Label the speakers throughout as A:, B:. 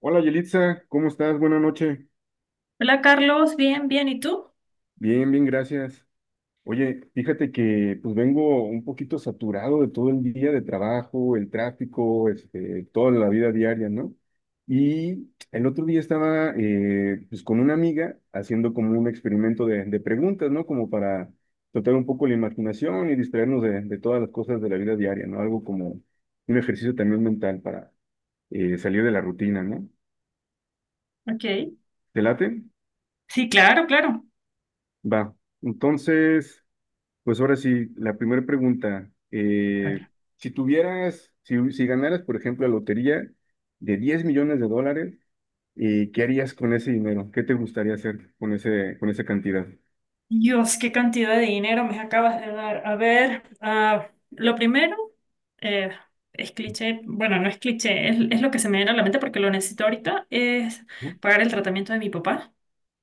A: Hola Yelitza, ¿cómo estás? Buenas noches.
B: Hola Carlos, bien, bien, ¿y tú?
A: Bien, bien, gracias. Oye, fíjate que pues vengo un poquito saturado de todo el día de trabajo, el tráfico, toda la vida diaria, ¿no? Y el otro día estaba pues con una amiga haciendo como un experimento de preguntas, ¿no? Como para tratar un poco la imaginación y distraernos de todas las cosas de la vida diaria, ¿no? Algo como un ejercicio también mental para salir de la rutina, ¿no?
B: Ok.
A: ¿Te late?
B: Sí, claro, claro.
A: Va. Entonces. Pues ahora sí, la primera pregunta.
B: Claro.
A: Si tuvieras, si ganaras, por ejemplo, la lotería de 10 millones de dólares, ¿qué harías con ese dinero? ¿Qué te gustaría hacer con esa cantidad?
B: Dios, qué cantidad de dinero me acabas de dar. A ver, lo primero eh, es cliché, bueno, no es cliché, es lo que se me viene a la mente porque lo necesito ahorita, es
A: ¿No?
B: pagar el tratamiento de mi papá,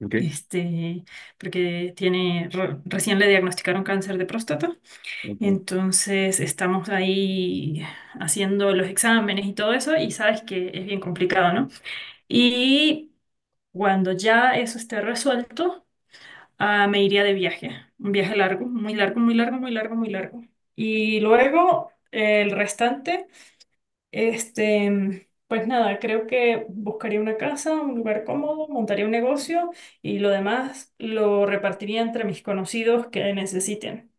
A: ¿Ok?
B: este, porque tiene, recién le diagnosticaron cáncer de próstata,
A: Ok.
B: entonces estamos ahí haciendo los exámenes y todo eso y sabes que es bien complicado, ¿no? Y Cuando ya eso esté resuelto, me iría de viaje. Un viaje largo, muy largo, muy largo, muy largo, muy largo. Y luego el restante, pues nada, creo que buscaría una casa, un lugar cómodo, montaría un negocio y lo demás lo repartiría entre mis conocidos que necesiten.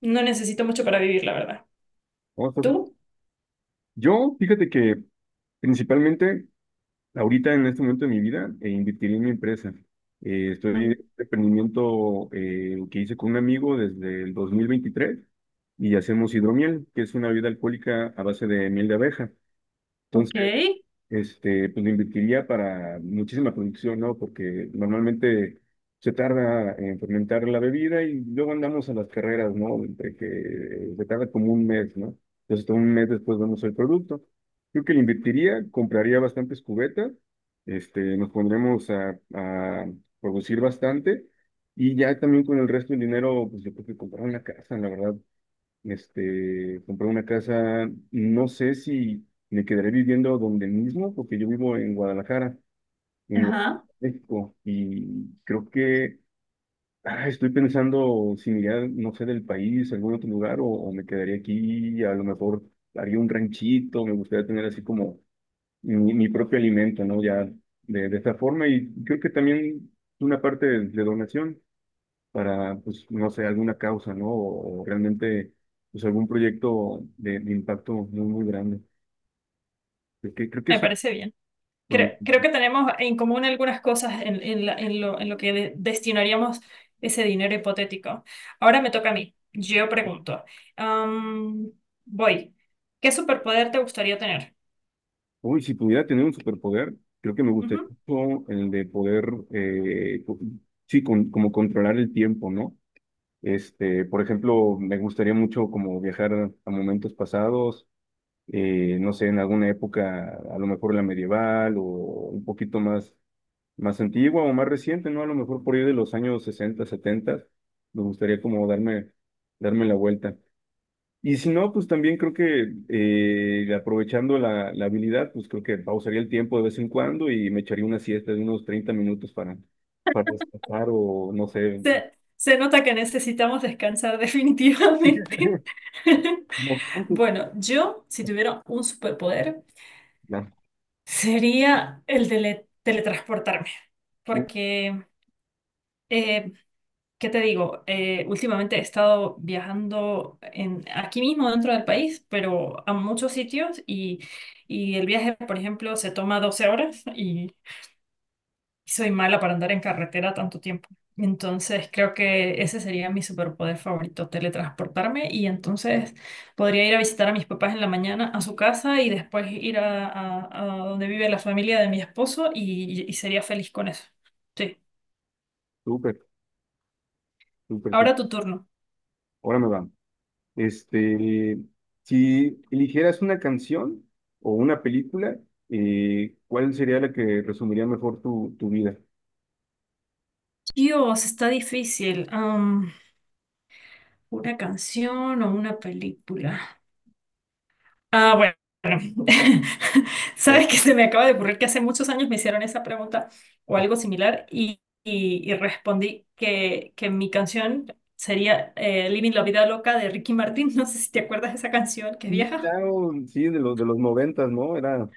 B: No necesito mucho para vivir, la verdad.
A: Vamos, pues.
B: ¿Tú?
A: Yo, fíjate que principalmente ahorita en este momento de mi vida, invertiría en mi empresa. Estoy en
B: Mm.
A: este emprendimiento que hice con un amigo desde el 2023, y hacemos hidromiel, que es una bebida alcohólica a base de miel de abeja.
B: Ok.
A: Entonces, pues lo invertiría para muchísima producción, ¿no? Porque normalmente se tarda en fermentar la bebida y luego andamos a las carreras, ¿no? Entre que se tarda como un mes, ¿no? Entonces, todo un mes después vemos el producto. Creo que le invertiría, compraría bastantes cubetas, nos pondremos a producir bastante y ya también con el resto del dinero, pues yo creo que comprar una casa, la verdad, compré una casa, no sé si me quedaré viviendo donde mismo, porque yo vivo en Guadalajara, en
B: Ajá,
A: México, y creo que estoy pensando si me iría, no sé, del país, a algún otro lugar, o, me quedaría aquí, a lo mejor haría un ranchito, me gustaría tener así como mi propio alimento, ¿no? Ya de esta forma, y creo que también una parte de donación para, pues, no sé, alguna causa, ¿no? O, realmente, pues, algún proyecto de impacto muy, muy grande. Creo que
B: me
A: eso.
B: parece bien.
A: con el-
B: Creo que tenemos en común algunas cosas en en lo que destinaríamos ese dinero hipotético. Ahora me toca a mí. Yo pregunto. Am, voy. ¿Qué superpoder te gustaría tener?
A: Uy, si pudiera tener un superpoder, creo que me gustaría
B: Ujú.
A: mucho el de poder, eh, co- sí, como controlar el tiempo, ¿no? Por ejemplo, me gustaría mucho como viajar a momentos pasados, no sé, en alguna época, a lo mejor la medieval o un poquito más antigua o más reciente, ¿no? A lo mejor por ir de los años 60 70, me gustaría como darme la vuelta. Y si no, pues también creo que aprovechando la habilidad, pues creo que pausaría el tiempo de vez en cuando y me echaría una siesta de unos 30 minutos para descansar o no sé.
B: Se nota que necesitamos descansar definitivamente.
A: No,
B: Bueno, yo, si tuviera un superpoder, sería el de teletransportarme. Porque eh, ¿qué te digo? Últimamente he estado viajando aquí mismo dentro del país, pero a muchos sitios y el viaje, por ejemplo, se toma 12 horas y soy mala para andar en carretera tanto tiempo. Entonces creo que ese sería mi superpoder favorito, teletransportarme y entonces podría ir a visitar a mis papás en la mañana a su casa y después ir a donde vive la familia de mi esposo y sería feliz con eso. Sí,
A: súper, súper,
B: ahora
A: súper.
B: tu turno.
A: Ahora me va. Este, si eligieras una canción o una película, ¿cuál sería la que resumiría mejor tu vida?
B: Dios, está difícil. ¿Una canción o una película? Ah, bueno.
A: Oh,
B: Sabes que se me acaba de ocurrir que hace muchos años me hicieron esa pregunta o
A: ah,
B: algo similar y, y respondí que mi canción sería Living la Vida Loca de Ricky Martin. No sé si te acuerdas de esa canción que es
A: sí,
B: vieja.
A: claro, sí, de los noventas, ¿no? Era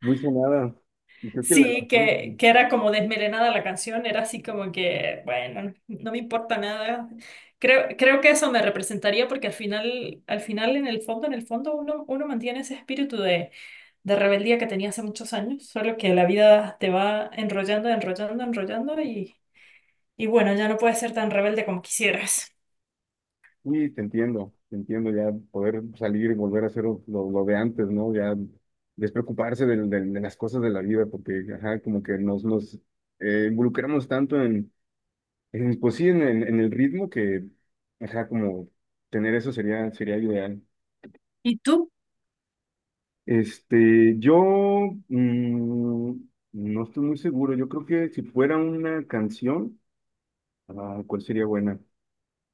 A: muy sonada. Y creo que
B: Sí,
A: sí,
B: que era como desmelenada la canción, era así como que, bueno, no me importa nada. Creo que eso me representaría porque al final, en el fondo, uno mantiene ese espíritu de rebeldía que tenía hace muchos años, solo que la vida te va enrollando, enrollando, enrollando y bueno, ya no puedes ser tan rebelde como quisieras.
A: sí, te entiendo ya poder salir y volver a hacer lo de antes, ¿no? Ya despreocuparse de las cosas de la vida, porque ajá, como que nos involucramos tanto en. Pues sí, en el ritmo que, ajá, como tener eso sería ideal.
B: ¿Y tú?
A: Yo mm, no estoy muy seguro. Yo creo que si fuera una canción, ¿cuál sería buena?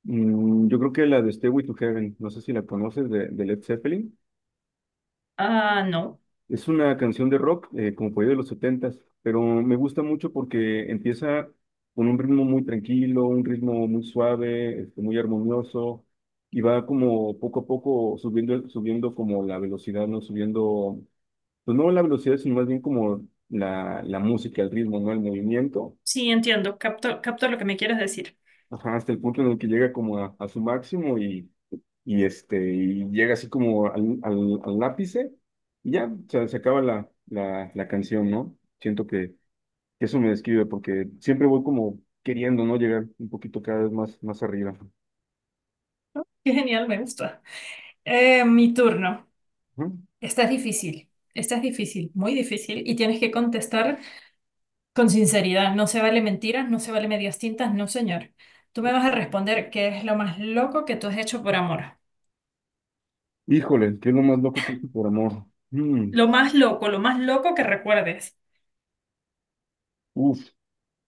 A: Yo creo que la de Stairway to Heaven, no sé si la conoces de Led Zeppelin.
B: Ah, no.
A: Es una canción de rock, como por ahí de los setentas, pero me gusta mucho porque empieza con un ritmo muy tranquilo, un ritmo muy suave, muy armonioso, y va como poco a poco subiendo, subiendo como la velocidad, ¿no? Subiendo, pues no la velocidad, sino más bien como la música, el ritmo, ¿no? El movimiento.
B: Sí, entiendo, capto, capto lo que me quieres decir.
A: Ajá, hasta el punto en el que llega como a su máximo y llega así como al ápice y ya, o sea, se acaba la canción, ¿no? Siento que eso me describe porque siempre voy como queriendo, ¿no? Llegar un poquito cada vez más, más arriba.
B: Qué genial, me gusta. Mi turno.
A: Ajá.
B: Esta es difícil, muy difícil, y tienes que contestar con sinceridad. No se vale mentiras, no se vale medias tintas, no señor. Tú me vas a responder qué es lo más loco que tú has hecho por amor.
A: Híjole, ¿qué es lo más loco que hice por amor? Mm,
B: Lo más loco que recuerdes.
A: uf,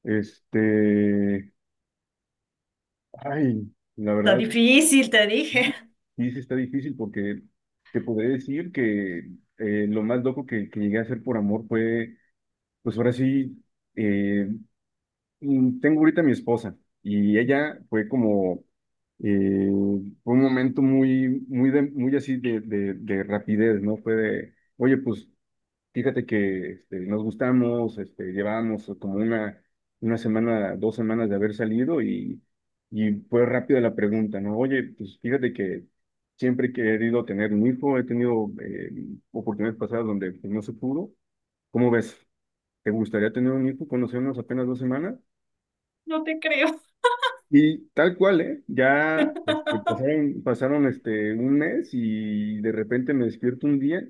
A: este, ay, la
B: Está
A: verdad.
B: difícil, te dije.
A: Sí, sí está difícil porque te podré decir que lo más loco que llegué a hacer por amor fue, pues ahora sí, eh, tengo ahorita a mi esposa y ella fue como, eh, fue un momento muy, muy, muy así de rapidez, ¿no? Fue de, oye, pues fíjate que nos gustamos, llevábamos como una semana, 2 semanas de haber salido y fue rápida la pregunta, ¿no? Oye, pues fíjate que siempre he querido tener un hijo, he tenido oportunidades pasadas donde pues, no se pudo. ¿Cómo ves? ¿Te gustaría tener un hijo? Conocernos apenas 2 semanas.
B: No te creo,
A: Y tal cual, ¿eh? Ya pasaron un mes y de repente me despierto un día.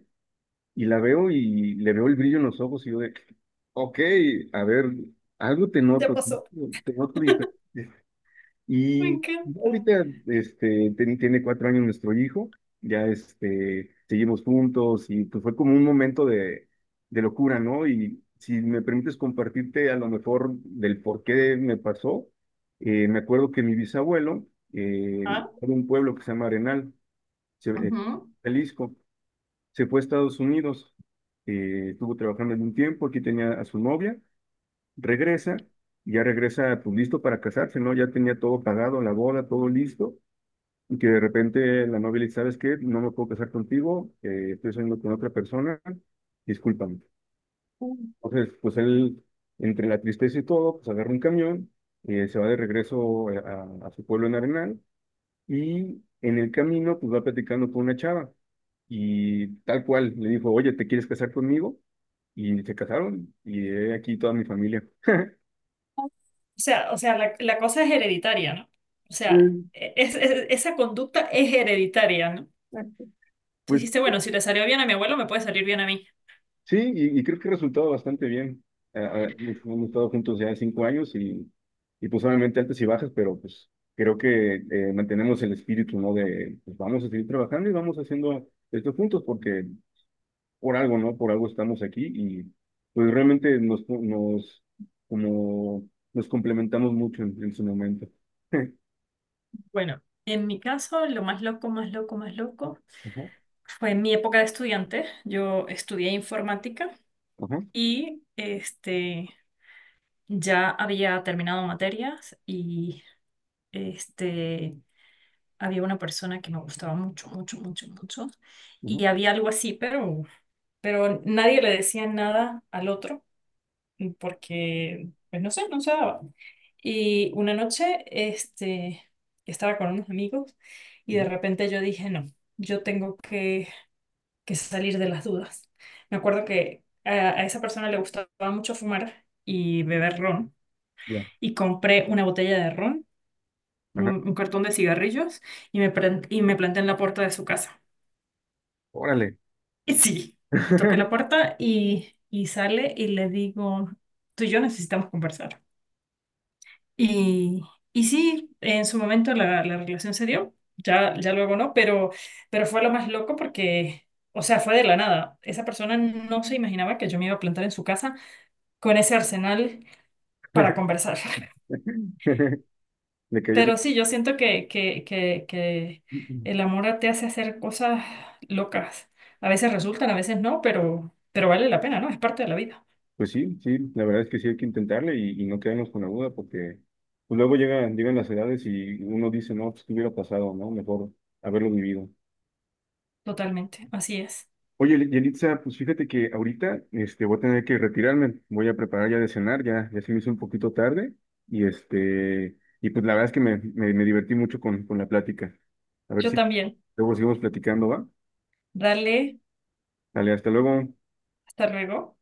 A: Y la veo y le veo el brillo en los ojos y yo de, ok, a ver, algo
B: te pasó.
A: te noto diferente.
B: Me
A: Y ya
B: encanta.
A: ahorita, tiene 4 años nuestro hijo, ya seguimos juntos y pues fue como un momento de locura, ¿no? Y si me permites compartirte a lo mejor del por qué me pasó, me acuerdo que mi bisabuelo
B: Ah,
A: era de un pueblo que se llama Arenal, se- eh,
B: ujú.
A: Jalisco. Se fue a Estados Unidos, estuvo trabajando en un tiempo, aquí tenía a su novia, regresa, ya regresa pues listo para casarse, ¿no? Ya tenía todo pagado, la boda, todo listo, y que de repente la novia le dice, ¿sabes qué? No me puedo casar contigo, estoy saliendo con otra persona, discúlpame.
B: Mm.
A: Entonces, pues él, entre la tristeza y todo, pues agarra un camión, se va de regreso a su pueblo en Arenal, y en el camino, pues va platicando con una chava. Y tal cual, le dijo, oye, ¿te quieres casar conmigo? Y se casaron. Y he aquí toda mi familia.
B: O sea, la cosa es hereditaria, ¿no? O sea,
A: Mm.
B: esa conducta es hereditaria, ¿no? Tú
A: Pues
B: dijiste, bueno, si le salió bien a mi abuelo, me puede salir bien a mí.
A: sí, y creo que ha resultado bastante bien. Ah, hemos estado juntos ya 5 años y pues obviamente altas y bajas, pero pues creo que mantenemos el espíritu, ¿no? De pues vamos a seguir trabajando y vamos haciendo esto juntos porque por algo, ¿no? Por algo estamos aquí y pues realmente nos, como, nos complementamos mucho en su momento.
B: Bueno, en mi caso, lo más loco, más loco, más loco
A: Ajá,
B: fue en mi época de estudiante. Yo estudié informática
A: ajá,
B: y ya había terminado materias y este, había una persona que me gustaba mucho, mucho, mucho, mucho.
A: ajá,
B: Y había algo así, pero nadie le decía nada al otro. Porque, pues no sé, no se daba. Y una noche, estaba con unos amigos y de
A: ajá,
B: repente yo dije, no, yo tengo que salir de las dudas. Me acuerdo que a esa persona le gustaba mucho fumar y beber ron
A: ya,
B: y compré una botella de ron,
A: ajá.
B: un cartón de cigarrillos y y me planté en la puerta de su casa.
A: Órale.
B: Y sí, toqué la puerta y sale y le digo, tú y yo necesitamos conversar. Y, y sí, en su momento la relación se dio, ya, ya luego no, pero fue lo más loco porque, o sea, fue de la nada. Esa persona no se imaginaba que yo me iba a plantar en su casa con ese arsenal para conversar.
A: Le cayó-
B: Pero sí, yo siento que, que el amor te hace hacer cosas locas. A veces resultan, a veces no, pero vale la pena, ¿no? Es parte de la vida,
A: Pues sí, sí, la verdad es que sí hay que intentarle y no quedarnos con la duda porque pues luego llegan las edades y uno dice, no, pues qué hubiera pasado, ¿no? Mejor haberlo vivido.
B: totalmente. Así es.
A: Oye, Yelitza, pues fíjate que ahorita voy a tener que retirarme, voy a preparar ya de cenar, ya se me hizo un poquito tarde y y pues la verdad es que me divertí mucho con la plática. A ver
B: Yo
A: si
B: también.
A: luego seguimos platicando, ¿va?
B: Dale,
A: Dale, hasta luego.
B: hasta luego.